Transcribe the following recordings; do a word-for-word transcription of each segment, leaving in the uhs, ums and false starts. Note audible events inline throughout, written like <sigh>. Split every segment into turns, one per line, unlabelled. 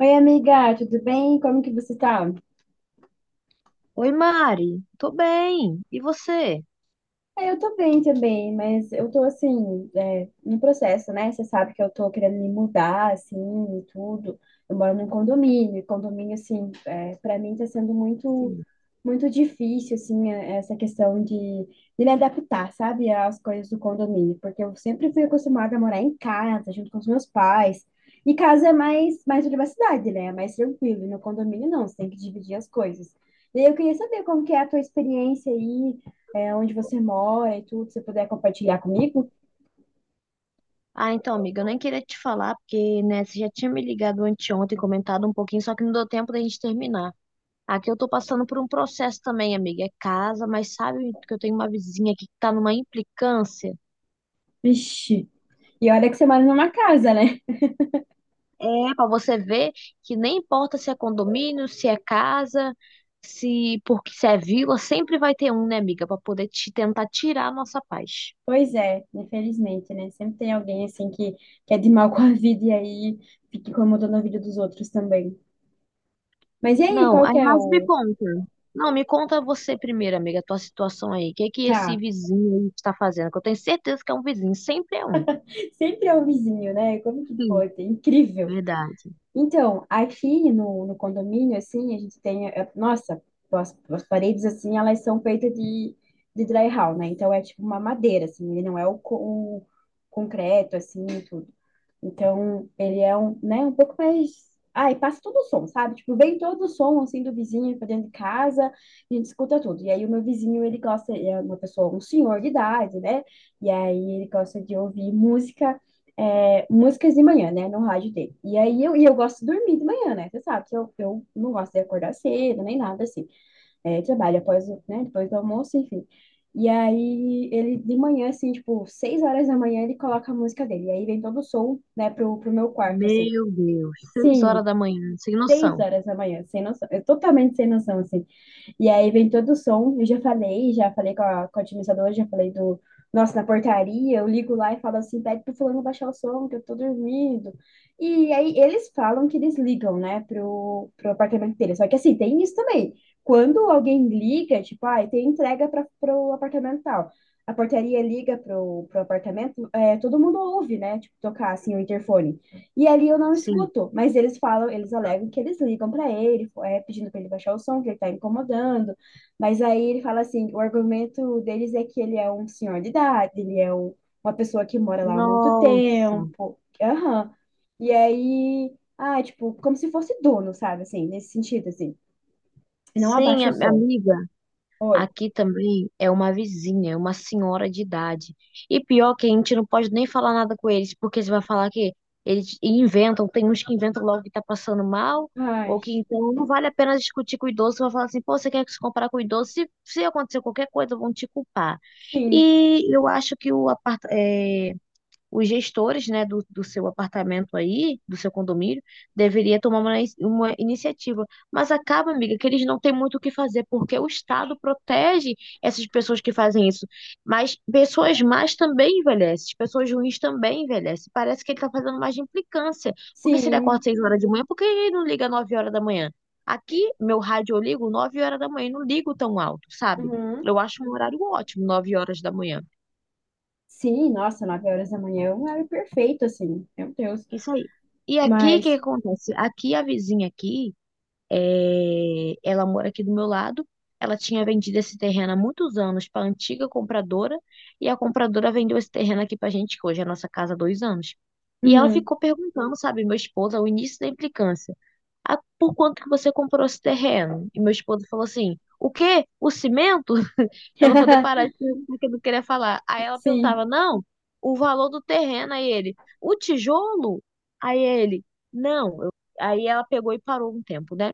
Oi, amiga, tudo bem? Como que você tá?
Oi, Mari. Tô bem. E você?
É, eu tô bem também, mas eu tô assim, é, no processo, né? Você sabe que eu tô querendo me mudar, assim, e tudo. Eu moro num condomínio, e condomínio, assim, é, para mim tá sendo muito,
Sim.
muito difícil, assim, é- essa questão de, de me adaptar, sabe, às coisas do condomínio, porque eu sempre fui acostumada a morar em casa, junto com os meus pais. E casa é mais, mais privacidade, né? É mais tranquilo. E no condomínio, não, você tem que dividir as coisas. E aí eu queria saber como que é a tua experiência aí, é, onde você mora e tudo, se você puder compartilhar comigo?
Ah, então, amiga, eu nem queria te falar, porque, né, você já tinha me ligado anteontem, comentado um pouquinho, só que não deu tempo da gente terminar. Aqui eu tô passando por um processo também, amiga. É casa, mas sabe que eu tenho uma vizinha aqui que tá numa implicância?
Vixe, e olha que você mora numa casa, né? <laughs>
É, pra você ver que nem importa se é condomínio, se é casa, se porque se é vila, sempre vai ter um, né, amiga, pra poder te tentar tirar a nossa paz.
Pois é, infelizmente, né? Sempre tem alguém assim que, que é de mal <laughs> com a vida e aí fica incomodando a vida dos outros também. Mas e aí,
Não,
qual
aí
que é
mais me
o.
conta. Não, me conta você primeiro, amiga, a tua situação aí. O que é que esse
Tá,
vizinho aí está fazendo? Que eu tenho certeza que é um vizinho, sempre é um.
<laughs> sempre é o vizinho, né? Como que
Sim,
pode? É incrível.
verdade.
Então, aqui no, no condomínio, assim, a gente tem, eh, nossa, as, as paredes, assim, elas são feitas de, de drywall, né? Então, é tipo uma madeira, assim, ele não é o, co- o concreto, assim, tudo. Então, ele é um, né, um pouco mais. Ah, e passa todo o som, sabe? Tipo, vem todo o som, assim, do vizinho pra dentro de casa, a gente escuta tudo. E aí, o meu vizinho, ele gosta, ele é uma pessoa, um senhor de idade, né? E aí, ele gosta de ouvir música, é, músicas de manhã, né, no rádio dele. E aí, eu, e eu gosto de dormir de manhã, né? Você sabe que eu, eu não gosto de acordar cedo, nem nada assim, é, trabalho após, o- né, depois do almoço, enfim. E aí ele de manhã, assim, tipo, seis horas da manhã, ele coloca a música dele. E aí vem todo o som, né, pro, pro meu quarto, assim.
Meu Deus, Seis
Sim,
horas da manhã, sem
seis
noção.
horas da manhã, sem noção. Eu totalmente sem noção, assim. E aí vem todo o som. Eu já falei, já falei com a, com a administradora, já falei do. Nossa, na portaria, eu ligo lá e falo assim: pede pro fulano baixar o som, que eu tô dormindo. E aí eles falam que eles ligam, né, pro, pro apartamento dele. Só que assim, tem isso também. Quando alguém liga, tipo, ah, tem entrega para pro apartamento tal. A portaria liga pro, pro apartamento, é, todo mundo ouve, né, tipo, tocar assim o interfone. E ali eu não
Sim.
escuto, mas eles falam, eles alegam que eles ligam para ele, é, pedindo para ele baixar o som, que ele está incomodando. Mas aí ele fala assim, o argumento deles é que ele é um senhor de idade, ele é um- uma pessoa que mora lá há muito
Nossa.
tempo. Aham. E aí, ah, tipo, como se fosse dono, sabe, assim, nesse sentido, assim. Não
Sim,
abaixa
a-
o som.
amiga.
Oi.
Aqui também é uma vizinha, é uma senhora de idade. E pior que a gente não pode nem falar nada com eles, porque você vai falar que eles inventam, tem uns que inventam logo que tá passando mal, ou
Ai,
que então não vale a pena discutir com o idoso. Você vai falar assim, pô, você quer se comparar com o idoso? Se, se acontecer qualquer coisa, vão te culpar.
sim,
E eu acho que o apartamento, os gestores, né, do, do seu apartamento aí, do seu condomínio, deveria tomar uma, inici- uma iniciativa. Mas acaba, amiga, que eles não têm muito o que fazer, porque o Estado protege essas pessoas que fazem isso. Mas pessoas más também envelhecem, pessoas ruins também envelhecem. Parece que ele está fazendo mais de implicância. Porque se ele acorda
sim.
seis horas de manhã, por que ele não liga nove horas da manhã? Aqui, meu rádio eu ligo nove horas da manhã, e não ligo tão alto, sabe?
Uhum.
Eu acho um horário ótimo, nove horas da manhã.
Sim, nossa, nove horas da manhã é um horário perfeito, assim, meu Deus.
Isso aí. E aqui, o que que
Mas.
acontece? Aqui, a vizinha aqui, é, ela mora aqui do meu lado. Ela tinha vendido esse terreno há muitos anos para a antiga compradora. E a compradora vendeu esse terreno aqui para a gente, que hoje é a nossa casa há dois anos. E ela
Uhum.
ficou perguntando, sabe, meu esposo, ao início da implicância, ah, por quanto que você comprou esse terreno? E meu esposo falou assim, o quê? O cimento? Pra ela poder parar de
<laughs>
perguntar o que ele queria falar. Aí ela perguntava,
Sim.
não, o valor do terreno, aí ele, o tijolo? Aí ele, não. Eu- aí ela pegou e parou um tempo, né?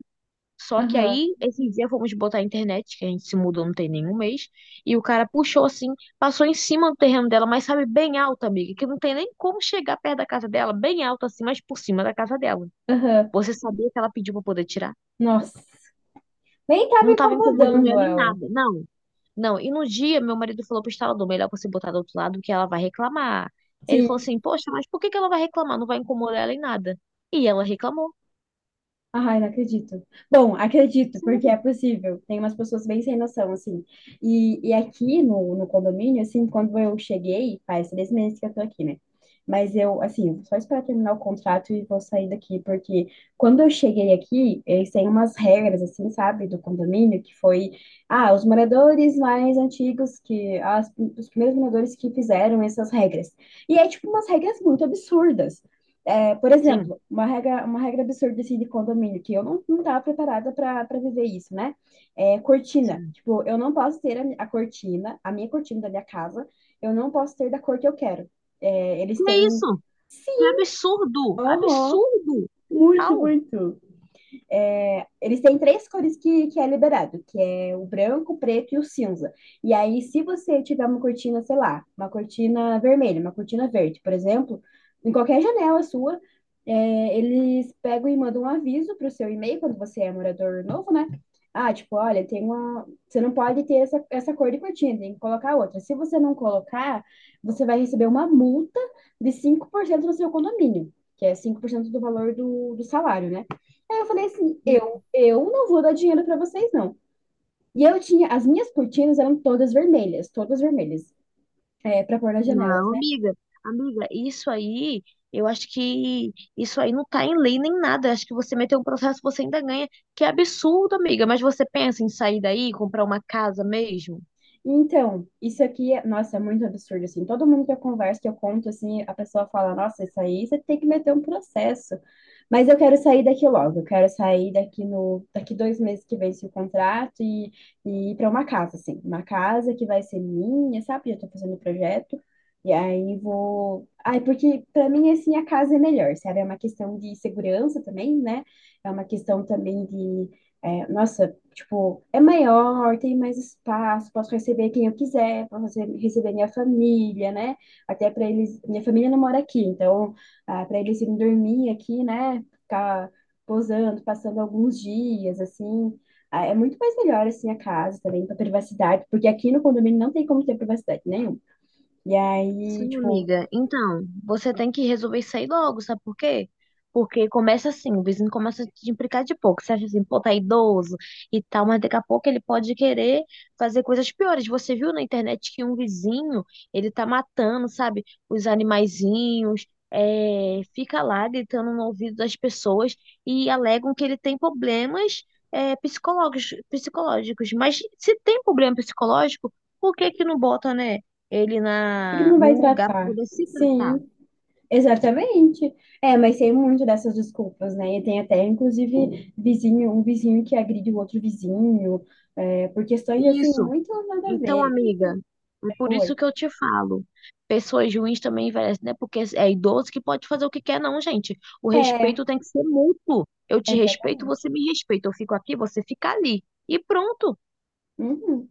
Só que
Aham.
aí, esses dias fomos botar a internet, que a gente se mudou não tem nenhum mês, e o cara puxou assim, passou em cima do terreno dela, mas sabe, bem alto, amiga, que não tem nem como chegar perto da casa dela, bem alto assim, mas por cima da casa dela.
Aham.
Você sabia que ela pediu pra poder tirar?
Nossa. Nem tava
Não tava incomodando
incomodando
ela em
ela.
nada, não. Não, e no dia meu marido falou pro instalador, melhor você botar do outro lado que ela vai reclamar. Ele falou
Sim.
assim, poxa, mas por que que ela vai reclamar? Não vai incomodar ela em nada. E ela reclamou.
Ai, não acredito. Bom, acredito, porque é
Sim,
possível. Tem umas pessoas bem sem noção, assim. E, e aqui no, no condomínio, assim, quando eu cheguei, faz três meses que eu tô aqui, né? Mas eu, assim, vou só esperar terminar o contrato e vou sair daqui, porque quando eu cheguei aqui, eles têm umas regras, assim, sabe, do condomínio, que foi, ah, os moradores mais antigos, que as, os primeiros moradores que fizeram essas regras. E é, tipo, umas regras muito absurdas. É, por
sim,
exemplo, uma regra, uma regra absurda assim, de condomínio, que eu não, não estava preparada para viver isso, né? É cortina.
sim.
Tipo, eu não posso ter a, a cortina, a minha cortina da minha casa, eu não posso ter da cor que eu quero. É, eles
Que é
têm.
isso? Que absurdo!
Aham,
Absurdo!
muito,
Total!
muito. É, eles têm três cores que, que é liberado, que é o branco, o preto e o cinza. E aí, se você tiver uma cortina, sei lá, uma cortina vermelha, uma cortina verde, por exemplo, em qualquer janela sua, é, eles pegam e mandam um aviso para o seu e-mail, quando você é morador novo, né? Ah, tipo, olha, tem uma. Você não pode ter essa, essa cor de cortina, tem que colocar outra. Se você não colocar, você vai receber uma multa de cinco por cento do seu condomínio, que é cinco por cento do valor do, do salário, né? Aí eu falei assim,
N-
eu, eu não vou dar dinheiro pra vocês, não. E eu tinha, as minhas cortinas eram todas vermelhas, todas vermelhas, é, para pôr nas janelas,
Não,
né?
amiga, amiga, isso aí, eu acho que isso aí não tá em lei nem nada. Acho que você meteu um processo, você ainda ganha. Que absurdo, amiga. Mas você pensa em sair daí, comprar uma casa mesmo?
Então, isso aqui, é- nossa, é muito absurdo, assim. Todo mundo que eu converso, que eu conto, assim, a pessoa fala, nossa, isso aí você tem que meter um processo. Mas eu quero sair daqui logo, eu quero sair daqui no, daqui dois meses que vence o contrato e, e ir para uma casa, assim. Uma casa que vai ser minha, sabe? Eu tô fazendo o projeto. E aí vou. Ai, porque para mim, assim, a casa é melhor, sabe? É uma questão de segurança também, né? É uma questão também de. é, nossa, tipo, é maior, tem mais espaço, posso receber quem eu quiser, posso rece- receber minha família, né? Até para eles, minha família não mora aqui, então, para eles irem dormir aqui, né? Ficar posando, passando alguns dias, assim. Ah, é muito mais melhor, assim, a casa também, para privacidade, porque aqui no condomínio não tem como ter privacidade nenhuma. E aí,
Sim,
tipo,
amiga.
por
Então, você tem que resolver isso aí logo, sabe por quê? Porque começa assim, o vizinho começa a te implicar de pouco. Você acha assim, pô, tá idoso e tal, mas daqui a pouco ele pode querer fazer coisas piores. Você viu na internet que um vizinho, ele tá matando, sabe, os animaizinhos, é, fica lá gritando no ouvido das pessoas e alegam que ele tem problemas, é, psicológicos, psicológicos. Mas se tem problema psicológico, por que que não bota, né, ele
que que
na
não vai
num lugar para
tratar?
poder se tratar?
Sim, exatamente. É, mas tem muito dessas desculpas, né? E tem até, inclusive, vizinho, um vizinho que agride o outro vizinho, é, por questões assim,
Isso.
muito nada a
Então,
ver.
amiga, é por
Oi.
isso que eu te falo. Pessoas ruins também envelhecem, né? Porque é idoso que pode fazer o que quer, não, gente. O
É,
respeito tem que ser mútuo. Eu te respeito, você
exatamente.
me respeita. Eu fico aqui, você fica ali. E pronto.
Uhum.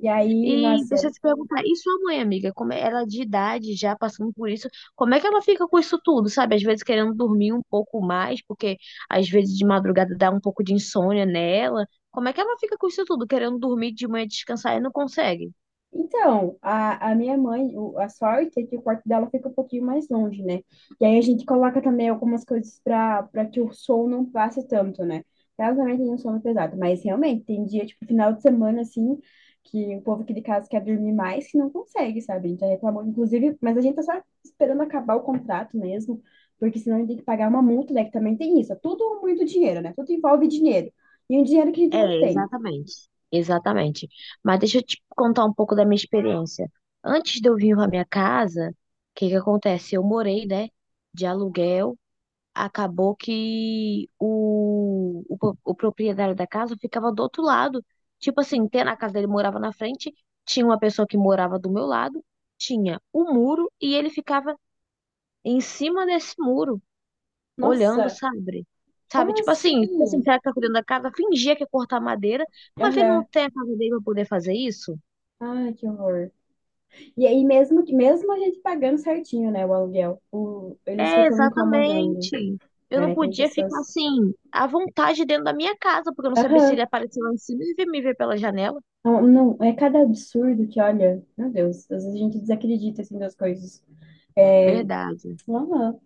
E aí,
E deixa
nossa,
eu te perguntar, e sua mãe, amiga, como é- ela de idade já passando por isso, como é que ela fica com isso tudo, sabe? Às vezes querendo dormir um pouco mais, porque às vezes de madrugada dá um pouco de insônia nela. Como é que ela fica com isso tudo, querendo dormir de manhã descansar e não consegue?
então, a, a minha mãe, o- a sorte é que o quarto dela fica um pouquinho mais longe, né? E aí a gente coloca também algumas coisas para para que o som não passe tanto, né? Ela também tem um sono pesado, mas realmente tem dia, tipo, final de semana, assim, que o povo aqui de casa quer dormir mais que não consegue, sabe? A gente já reclamou, inclusive, mas a gente tá só esperando acabar o contrato mesmo, porque senão a gente tem que pagar uma multa, né? Que também tem isso. É tudo muito dinheiro, né? Tudo envolve dinheiro. E um dinheiro que a gente não
É,
tem.
exatamente. Exatamente. Mas deixa eu te contar um pouco da minha experiência. Antes de eu vir para minha casa, o que que acontece? Eu morei, né, de aluguel, acabou que o, o, pro- o proprietário da casa ficava do outro lado. Tipo assim, tem- na casa dele morava na frente, tinha uma pessoa que morava do meu lado, tinha o muro e ele ficava em cima desse muro, olhando,
Nossa,
sabe?
como
Sabe, tipo assim, tipo assim,
assim?
será que tá cuidando da casa? Fingia que ia cortar madeira, mas ele não
Aham.
tem a casa dele pra poder fazer isso?
Ai, que horror. E aí, mesmo, que- mesmo a gente pagando certinho, né, o aluguel, o, eles
É,
ficam incomodando,
exatamente. Eu não
né? Tem
podia ficar
pessoas.
assim, à vontade dentro da minha casa, porque eu não sabia se
Aham.
ele apareceu lá em cima e ia me ver pela janela.
Não, não, é cada absurdo que, olha, meu Deus, às vezes a gente desacredita, assim, das coisas. É,
Verdade.
aham.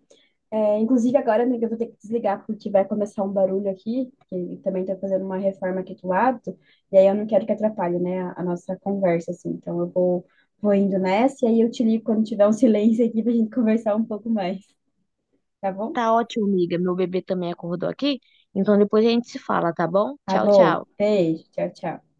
É, inclusive, agora, amiga, eu vou ter que desligar porque vai começar um barulho aqui, que também tá fazendo uma reforma aqui do lado, e aí eu não quero que atrapalhe, né, a, a nossa conversa, assim. Então, eu vou, vou indo nessa, e aí eu te ligo quando tiver um <laughs> silêncio aqui pra gente conversar um pouco mais, tá bom?
Tá ótimo, amiga. Meu bebê também acordou aqui. Então depois a gente se fala, tá bom?
Tá
Tchau,
bom.
tchau.
Beijo. Tchau, tchau.